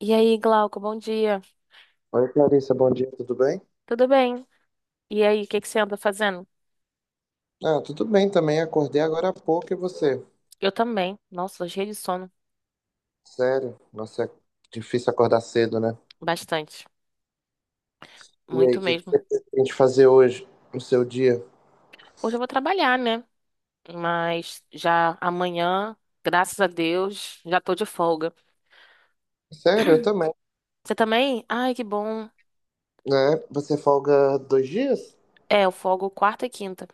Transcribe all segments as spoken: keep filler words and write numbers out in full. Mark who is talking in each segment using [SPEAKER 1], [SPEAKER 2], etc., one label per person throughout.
[SPEAKER 1] E aí, Glauco, bom dia.
[SPEAKER 2] Oi, Clarissa, bom dia, tudo bem?
[SPEAKER 1] Tudo bem? E aí, o que que você anda fazendo?
[SPEAKER 2] Ah, tudo bem também, acordei agora há pouco e você?
[SPEAKER 1] Eu também. Nossa, cheio de sono.
[SPEAKER 2] Sério? Nossa, é difícil acordar cedo, né?
[SPEAKER 1] Bastante.
[SPEAKER 2] E aí,
[SPEAKER 1] Muito
[SPEAKER 2] o que que
[SPEAKER 1] mesmo.
[SPEAKER 2] você pretende fazer hoje, no seu dia?
[SPEAKER 1] Hoje eu vou trabalhar, né? Mas já amanhã, graças a Deus, já tô de folga.
[SPEAKER 2] Sério, eu também.
[SPEAKER 1] Você também? Ai, que bom.
[SPEAKER 2] Né? Você folga dois dias?
[SPEAKER 1] É, eu folgo quarta e quinta.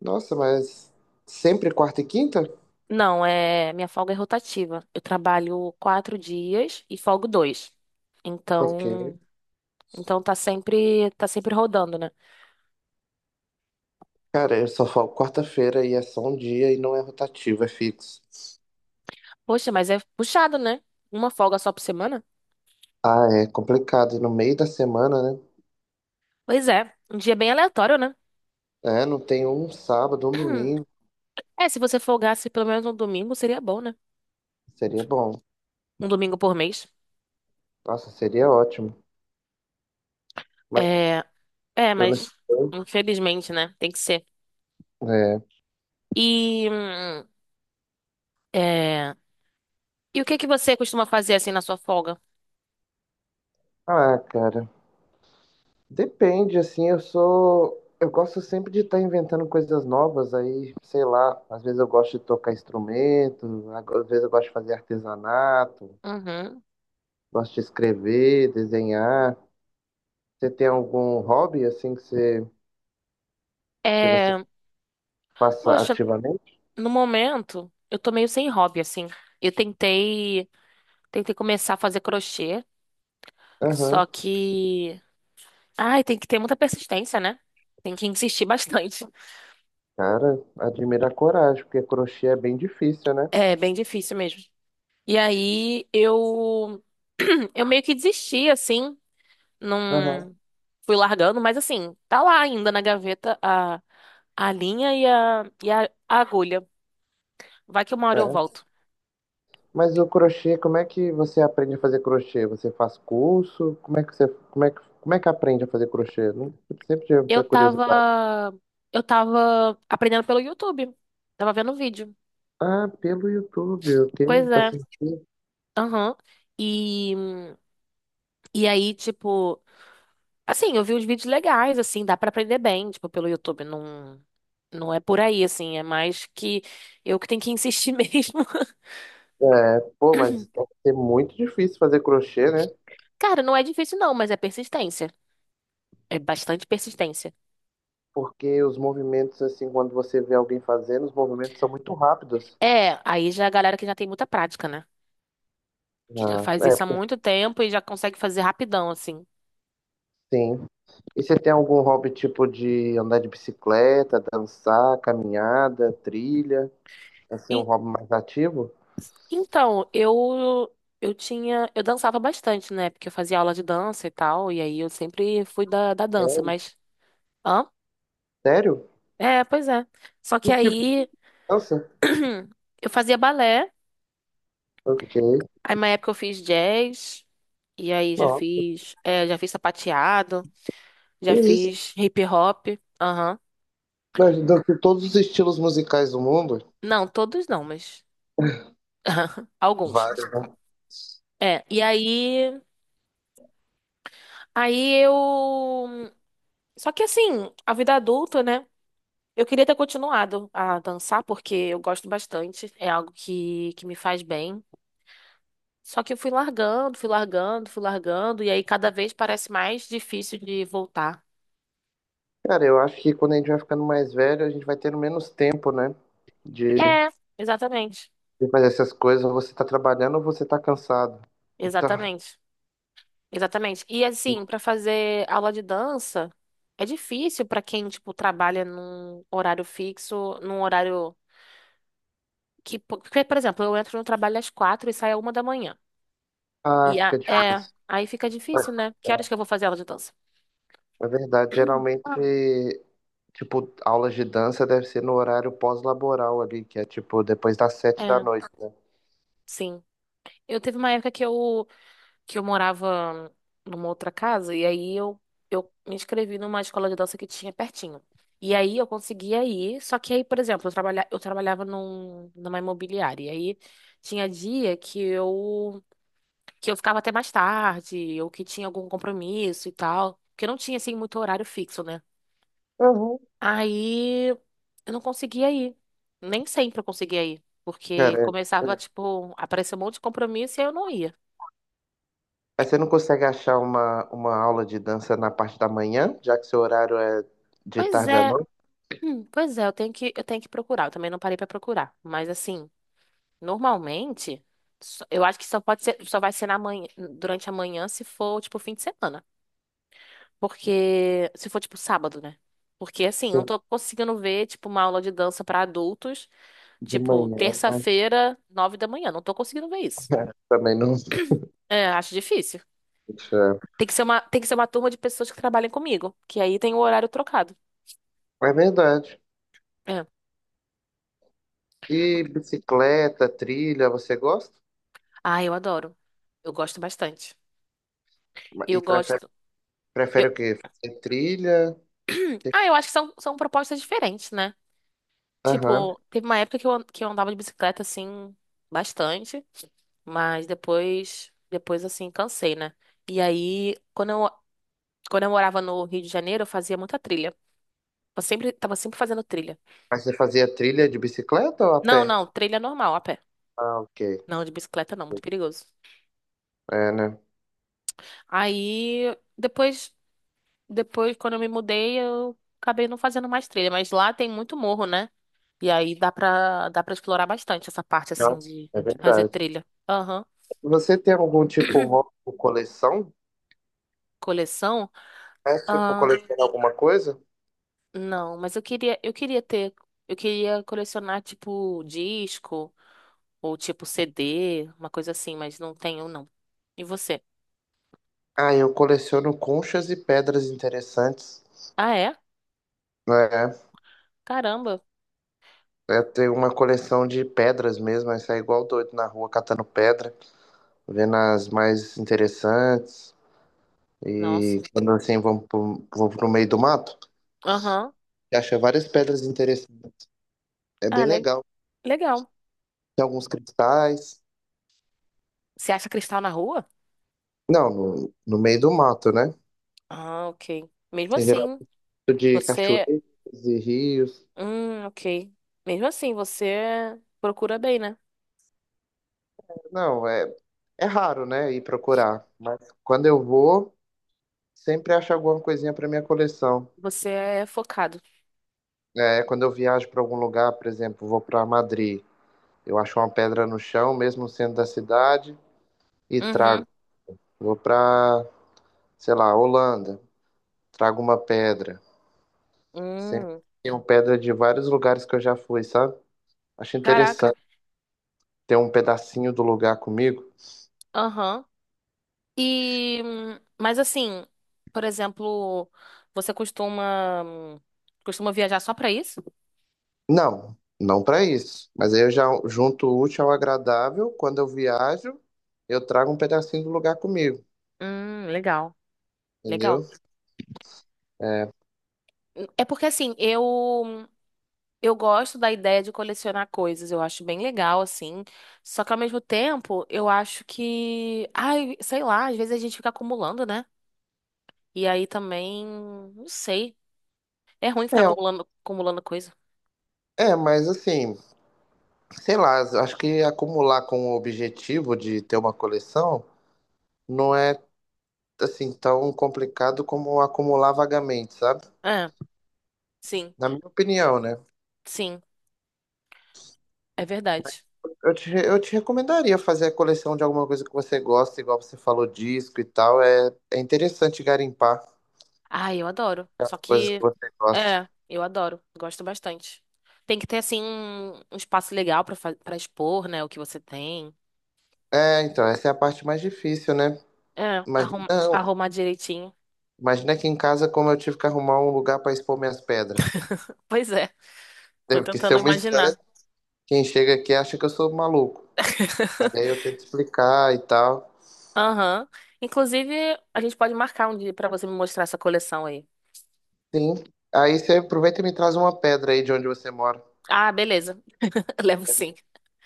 [SPEAKER 2] Nossa, mas sempre quarta e quinta?
[SPEAKER 1] Não, é, minha folga é rotativa. Eu trabalho quatro dias e folgo dois.
[SPEAKER 2] Ok.
[SPEAKER 1] Então, então tá sempre, tá sempre rodando, né?
[SPEAKER 2] Cara, eu só folgo quarta-feira e é só um dia e não é rotativo, é fixo.
[SPEAKER 1] Poxa, mas é puxado, né? Uma folga só por semana?
[SPEAKER 2] Ah, é complicado. E no meio da semana, né?
[SPEAKER 1] Pois é, um dia bem aleatório, né?
[SPEAKER 2] É, não tem um sábado, um domingo.
[SPEAKER 1] É, se você folgasse pelo menos um domingo, seria bom, né?
[SPEAKER 2] Seria bom.
[SPEAKER 1] Um domingo por mês.
[SPEAKER 2] Nossa, seria ótimo. Mas
[SPEAKER 1] É, é,
[SPEAKER 2] eu não sei.
[SPEAKER 1] mas infelizmente, né? Tem que ser.
[SPEAKER 2] É.
[SPEAKER 1] E, hum, é, e o que que você costuma fazer assim na sua folga?
[SPEAKER 2] Ah, cara. Depende, assim, eu sou. Eu gosto sempre de estar inventando coisas novas, aí, sei lá, às vezes eu gosto de tocar instrumento, ag- às vezes eu gosto de fazer artesanato,
[SPEAKER 1] Uhum.
[SPEAKER 2] gosto de escrever, desenhar. Você tem algum hobby, assim, que você, que você
[SPEAKER 1] É,
[SPEAKER 2] faça
[SPEAKER 1] poxa,
[SPEAKER 2] ativamente?
[SPEAKER 1] no momento eu tô meio sem hobby assim. Eu tentei, tentei começar a fazer crochê,
[SPEAKER 2] Aham.
[SPEAKER 1] só que, ai, tem que ter muita persistência, né? Tem que insistir bastante.
[SPEAKER 2] Cara, admira a coragem, porque crochê é bem difícil, né?
[SPEAKER 1] É bem difícil mesmo. E aí eu eu meio que desisti assim,
[SPEAKER 2] Aham.
[SPEAKER 1] não fui largando, mas assim, tá lá ainda na gaveta a a linha e a e a, a agulha. Vai que uma hora eu
[SPEAKER 2] É.
[SPEAKER 1] volto.
[SPEAKER 2] Mas o crochê, como é que você aprende a fazer crochê? Você faz curso? Como é que você, como é que, como é que aprende a fazer crochê? Não- Eu sempre tive
[SPEAKER 1] Eu
[SPEAKER 2] essa
[SPEAKER 1] tava
[SPEAKER 2] curiosidade.
[SPEAKER 1] eu tava aprendendo pelo YouTube. Tava vendo vídeo.
[SPEAKER 2] Ah, pelo YouTube,
[SPEAKER 1] Pois
[SPEAKER 2] ok, faz
[SPEAKER 1] é.
[SPEAKER 2] sentido.
[SPEAKER 1] Aham. E e aí tipo, assim, eu vi uns vídeos legais assim, dá pra aprender bem, tipo, pelo YouTube, não não é por aí assim, é mais que eu que tenho que insistir mesmo.
[SPEAKER 2] É, pô, mas deve ser muito difícil fazer crochê, né?
[SPEAKER 1] Cara, não é difícil não, mas é persistência. É bastante persistência.
[SPEAKER 2] Porque os movimentos, assim, quando você vê alguém fazendo, os movimentos são muito rápidos.
[SPEAKER 1] É, aí já é a galera que já tem muita prática, né? Que já
[SPEAKER 2] Ah,
[SPEAKER 1] faz isso há
[SPEAKER 2] é,
[SPEAKER 1] muito tempo e já consegue fazer rapidão, assim.
[SPEAKER 2] sim. E você tem algum hobby tipo de andar de bicicleta, dançar, caminhada, trilha? Assim, um
[SPEAKER 1] E-
[SPEAKER 2] hobby mais ativo?
[SPEAKER 1] então, eu eu tinha, eu dançava bastante, né? Porque eu fazia aula de dança e tal, e aí eu sempre fui da, da dança,
[SPEAKER 2] Sério?
[SPEAKER 1] mas hã?
[SPEAKER 2] Sério?
[SPEAKER 1] É, pois é. Só que
[SPEAKER 2] Que tipo de
[SPEAKER 1] aí
[SPEAKER 2] dança?
[SPEAKER 1] eu fazia balé,
[SPEAKER 2] Ok.
[SPEAKER 1] aí uma época eu fiz jazz, e aí já
[SPEAKER 2] Ó,
[SPEAKER 1] fiz, é, já fiz sapateado, já
[SPEAKER 2] é isso.
[SPEAKER 1] fiz hip hop, aham.
[SPEAKER 2] Mas de todos os estilos musicais do mundo,
[SPEAKER 1] Não, todos não, mas alguns.
[SPEAKER 2] vários, né?
[SPEAKER 1] É, e aí, aí eu. Só que assim, a vida adulta, né? Eu queria ter continuado a dançar, porque eu gosto bastante, é algo que, que me faz bem. Só que eu fui largando, fui largando, fui largando, e aí cada vez parece mais difícil de voltar.
[SPEAKER 2] Cara, eu acho que quando a gente vai ficando mais velho, a gente vai tendo menos tempo, né? De,
[SPEAKER 1] É, exatamente.
[SPEAKER 2] de fazer essas coisas. Ou você tá trabalhando ou você tá cansado. Então,
[SPEAKER 1] Exatamente. Exatamente. E assim, pra fazer aula de dança, é difícil pra quem, tipo, trabalha num horário fixo, num horário. Que, po- porque, por exemplo, eu entro no trabalho às quatro e saio à uma da manhã. E
[SPEAKER 2] ah,
[SPEAKER 1] a-
[SPEAKER 2] fica
[SPEAKER 1] é,
[SPEAKER 2] difícil.
[SPEAKER 1] aí fica difícil,
[SPEAKER 2] É
[SPEAKER 1] né? Que horas que eu vou fazer aula de dança?
[SPEAKER 2] é verdade, geralmente, tipo, aulas de dança deve ser no horário pós-laboral ali, que é tipo depois das sete da
[SPEAKER 1] É,
[SPEAKER 2] noite, né?
[SPEAKER 1] sim. Eu teve uma época que eu, que eu morava numa outra casa e aí eu, eu me inscrevi numa escola de dança que tinha pertinho. E aí eu conseguia ir, só que aí, por exemplo, eu, trabalha, eu trabalhava num, numa imobiliária. E aí tinha dia que eu, que eu ficava até mais tarde, ou que tinha algum compromisso e tal. Porque não tinha, assim, muito horário fixo, né?
[SPEAKER 2] Uhum.
[SPEAKER 1] Aí eu não conseguia ir. Nem sempre eu conseguia ir. Porque
[SPEAKER 2] Cara,
[SPEAKER 1] começava, tipo, a aparecer um monte de compromisso e aí eu não ia.
[SPEAKER 2] mas você não consegue achar uma, uma aula de dança na parte da manhã, já que seu horário é de
[SPEAKER 1] Pois
[SPEAKER 2] tarde à
[SPEAKER 1] é,
[SPEAKER 2] noite?
[SPEAKER 1] pois é, eu tenho que, eu tenho que procurar. Eu também não parei pra procurar. Mas assim, normalmente, só- eu acho que só pode ser, só vai ser na manhã, durante a manhã se for, tipo, fim de semana. Porque, se for, tipo, sábado, né? Porque assim, eu não tô conseguindo ver, tipo, uma aula de dança pra adultos,
[SPEAKER 2] De
[SPEAKER 1] tipo,
[SPEAKER 2] manhã, mas
[SPEAKER 1] terça-feira, nove da manhã. Não tô conseguindo ver isso.
[SPEAKER 2] também não.
[SPEAKER 1] É, acho difícil.
[SPEAKER 2] Puxa,
[SPEAKER 1] Tem que ser uma, tem que ser uma turma de pessoas que trabalhem comigo, que aí tem o horário trocado.
[SPEAKER 2] é verdade.
[SPEAKER 1] É.
[SPEAKER 2] E bicicleta, trilha, você gosta?
[SPEAKER 1] Ah, eu adoro. Eu gosto bastante.
[SPEAKER 2] E
[SPEAKER 1] Eu
[SPEAKER 2] prefere,
[SPEAKER 1] gosto. Eu...
[SPEAKER 2] prefere o quê? Fazer trilha?
[SPEAKER 1] Ah, eu acho que são, são propostas diferentes, né?
[SPEAKER 2] Aham.
[SPEAKER 1] Tipo, teve uma época que eu, an- que eu andava de bicicleta assim, bastante, mas depois, depois assim, cansei, né? E aí, quando eu, quando eu morava no Rio de Janeiro, eu fazia muita trilha. Eu sempre, tava sempre fazendo trilha.
[SPEAKER 2] Mas você fazia trilha de bicicleta ou a
[SPEAKER 1] Não,
[SPEAKER 2] pé?
[SPEAKER 1] não, trilha normal, a pé.
[SPEAKER 2] Ah, ok.
[SPEAKER 1] Não, de bicicleta não, muito perigoso.
[SPEAKER 2] É, né?
[SPEAKER 1] Aí, depois. Depois, quando eu me mudei, eu acabei não fazendo mais trilha, mas lá tem muito morro, né? E aí dá pra, dá pra explorar bastante essa parte, assim,
[SPEAKER 2] Nossa,
[SPEAKER 1] de,
[SPEAKER 2] é
[SPEAKER 1] de fazer
[SPEAKER 2] verdade.
[SPEAKER 1] trilha. Aham.
[SPEAKER 2] Você tem algum tipo de hobby ou coleção?
[SPEAKER 1] Coleção?
[SPEAKER 2] É tipo
[SPEAKER 1] Ah,
[SPEAKER 2] colecionar alguma coisa?
[SPEAKER 1] não, mas eu queria, eu queria ter, eu queria colecionar, tipo, disco ou tipo C D, uma coisa assim, mas não tenho, não. E você?
[SPEAKER 2] Ah, eu coleciono conchas e pedras interessantes.
[SPEAKER 1] Ah, é?
[SPEAKER 2] Né?
[SPEAKER 1] Caramba.
[SPEAKER 2] Eu tenho uma coleção de pedras mesmo, aí sai igual doido na rua catando pedra, vendo as mais interessantes.
[SPEAKER 1] Nossa.
[SPEAKER 2] E quando assim vamos pro, vou pro meio do mato,
[SPEAKER 1] Aham.
[SPEAKER 2] acha várias pedras interessantes. É bem
[SPEAKER 1] Ah, le-
[SPEAKER 2] legal.
[SPEAKER 1] legal.
[SPEAKER 2] Tem alguns cristais.
[SPEAKER 1] Você acha cristal na rua?
[SPEAKER 2] Não, no, no meio do mato, né?
[SPEAKER 1] Ah, ok. Mesmo
[SPEAKER 2] Tem
[SPEAKER 1] assim,
[SPEAKER 2] geralmente de
[SPEAKER 1] você
[SPEAKER 2] cachoeiras e rios.
[SPEAKER 1] Hum, ok. Mesmo assim, você procura bem, né?
[SPEAKER 2] Não, é, é raro, né? Ir procurar. Mas quando eu vou, sempre acho alguma coisinha para minha coleção.
[SPEAKER 1] Você é focado.
[SPEAKER 2] É, quando eu viajo para algum lugar, por exemplo, vou para Madrid, eu acho uma pedra no chão, mesmo sendo da cidade, e trago.
[SPEAKER 1] Uhum.
[SPEAKER 2] Vou para, sei lá, Holanda, trago uma pedra. Sempre
[SPEAKER 1] Hum.
[SPEAKER 2] tenho pedra de vários lugares que eu já fui, sabe? Acho
[SPEAKER 1] Caraca.
[SPEAKER 2] interessante ter um pedacinho do lugar comigo.
[SPEAKER 1] Aham. E, hum, mas assim, por exemplo, você costuma hum, costuma viajar só pra isso?
[SPEAKER 2] Não, não para isso. Mas aí eu já junto o útil ao agradável. Quando eu viajo, eu trago um pedacinho do lugar comigo,
[SPEAKER 1] Hum, legal. Legal.
[SPEAKER 2] entendeu? É,
[SPEAKER 1] É porque assim, eu hum, eu gosto da ideia de colecionar coisas, eu acho bem legal assim. Só que ao mesmo tempo, eu acho que, ai, sei lá, às vezes a gente fica acumulando, né? E aí também, não sei. É ruim ficar
[SPEAKER 2] é,
[SPEAKER 1] acumulando, acumulando coisa.
[SPEAKER 2] é, mas assim, sei lá, acho que acumular com o objetivo de ter uma coleção não é assim tão complicado como acumular vagamente, sabe?
[SPEAKER 1] É, sim,
[SPEAKER 2] Na minha opinião, né?
[SPEAKER 1] sim, é verdade.
[SPEAKER 2] Eu te, eu te recomendaria fazer a coleção de alguma coisa que você gosta, igual você falou, disco e tal. É, é interessante garimpar
[SPEAKER 1] Ah, eu adoro. Só
[SPEAKER 2] as coisas que
[SPEAKER 1] que,
[SPEAKER 2] você gosta.
[SPEAKER 1] é, eu adoro. Gosto bastante. Tem que ter, assim, um um espaço legal pra, fa- pra expor, né, o que você tem.
[SPEAKER 2] É, então, essa é a parte mais difícil, né?
[SPEAKER 1] É, arrum,
[SPEAKER 2] Imagina,
[SPEAKER 1] arrumar direitinho.
[SPEAKER 2] imagina aqui em casa como eu tive que arrumar um lugar para expor minhas pedras.
[SPEAKER 1] Pois é, tô
[SPEAKER 2] Teve que ser
[SPEAKER 1] tentando
[SPEAKER 2] uma
[SPEAKER 1] imaginar.
[SPEAKER 2] estante. Quem chega aqui acha que eu sou maluco. Mas aí eu tento explicar e tal.
[SPEAKER 1] Aham. Inclusive, a gente pode marcar um dia pra você me mostrar essa coleção aí.
[SPEAKER 2] Sim. Aí você aproveita e me traz uma pedra aí de onde você mora.
[SPEAKER 1] Ah, beleza. Levo sim.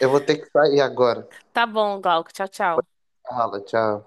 [SPEAKER 2] Eu vou ter que sair agora.
[SPEAKER 1] Tá bom, Glauco. Tchau, tchau.
[SPEAKER 2] Fala, tchau.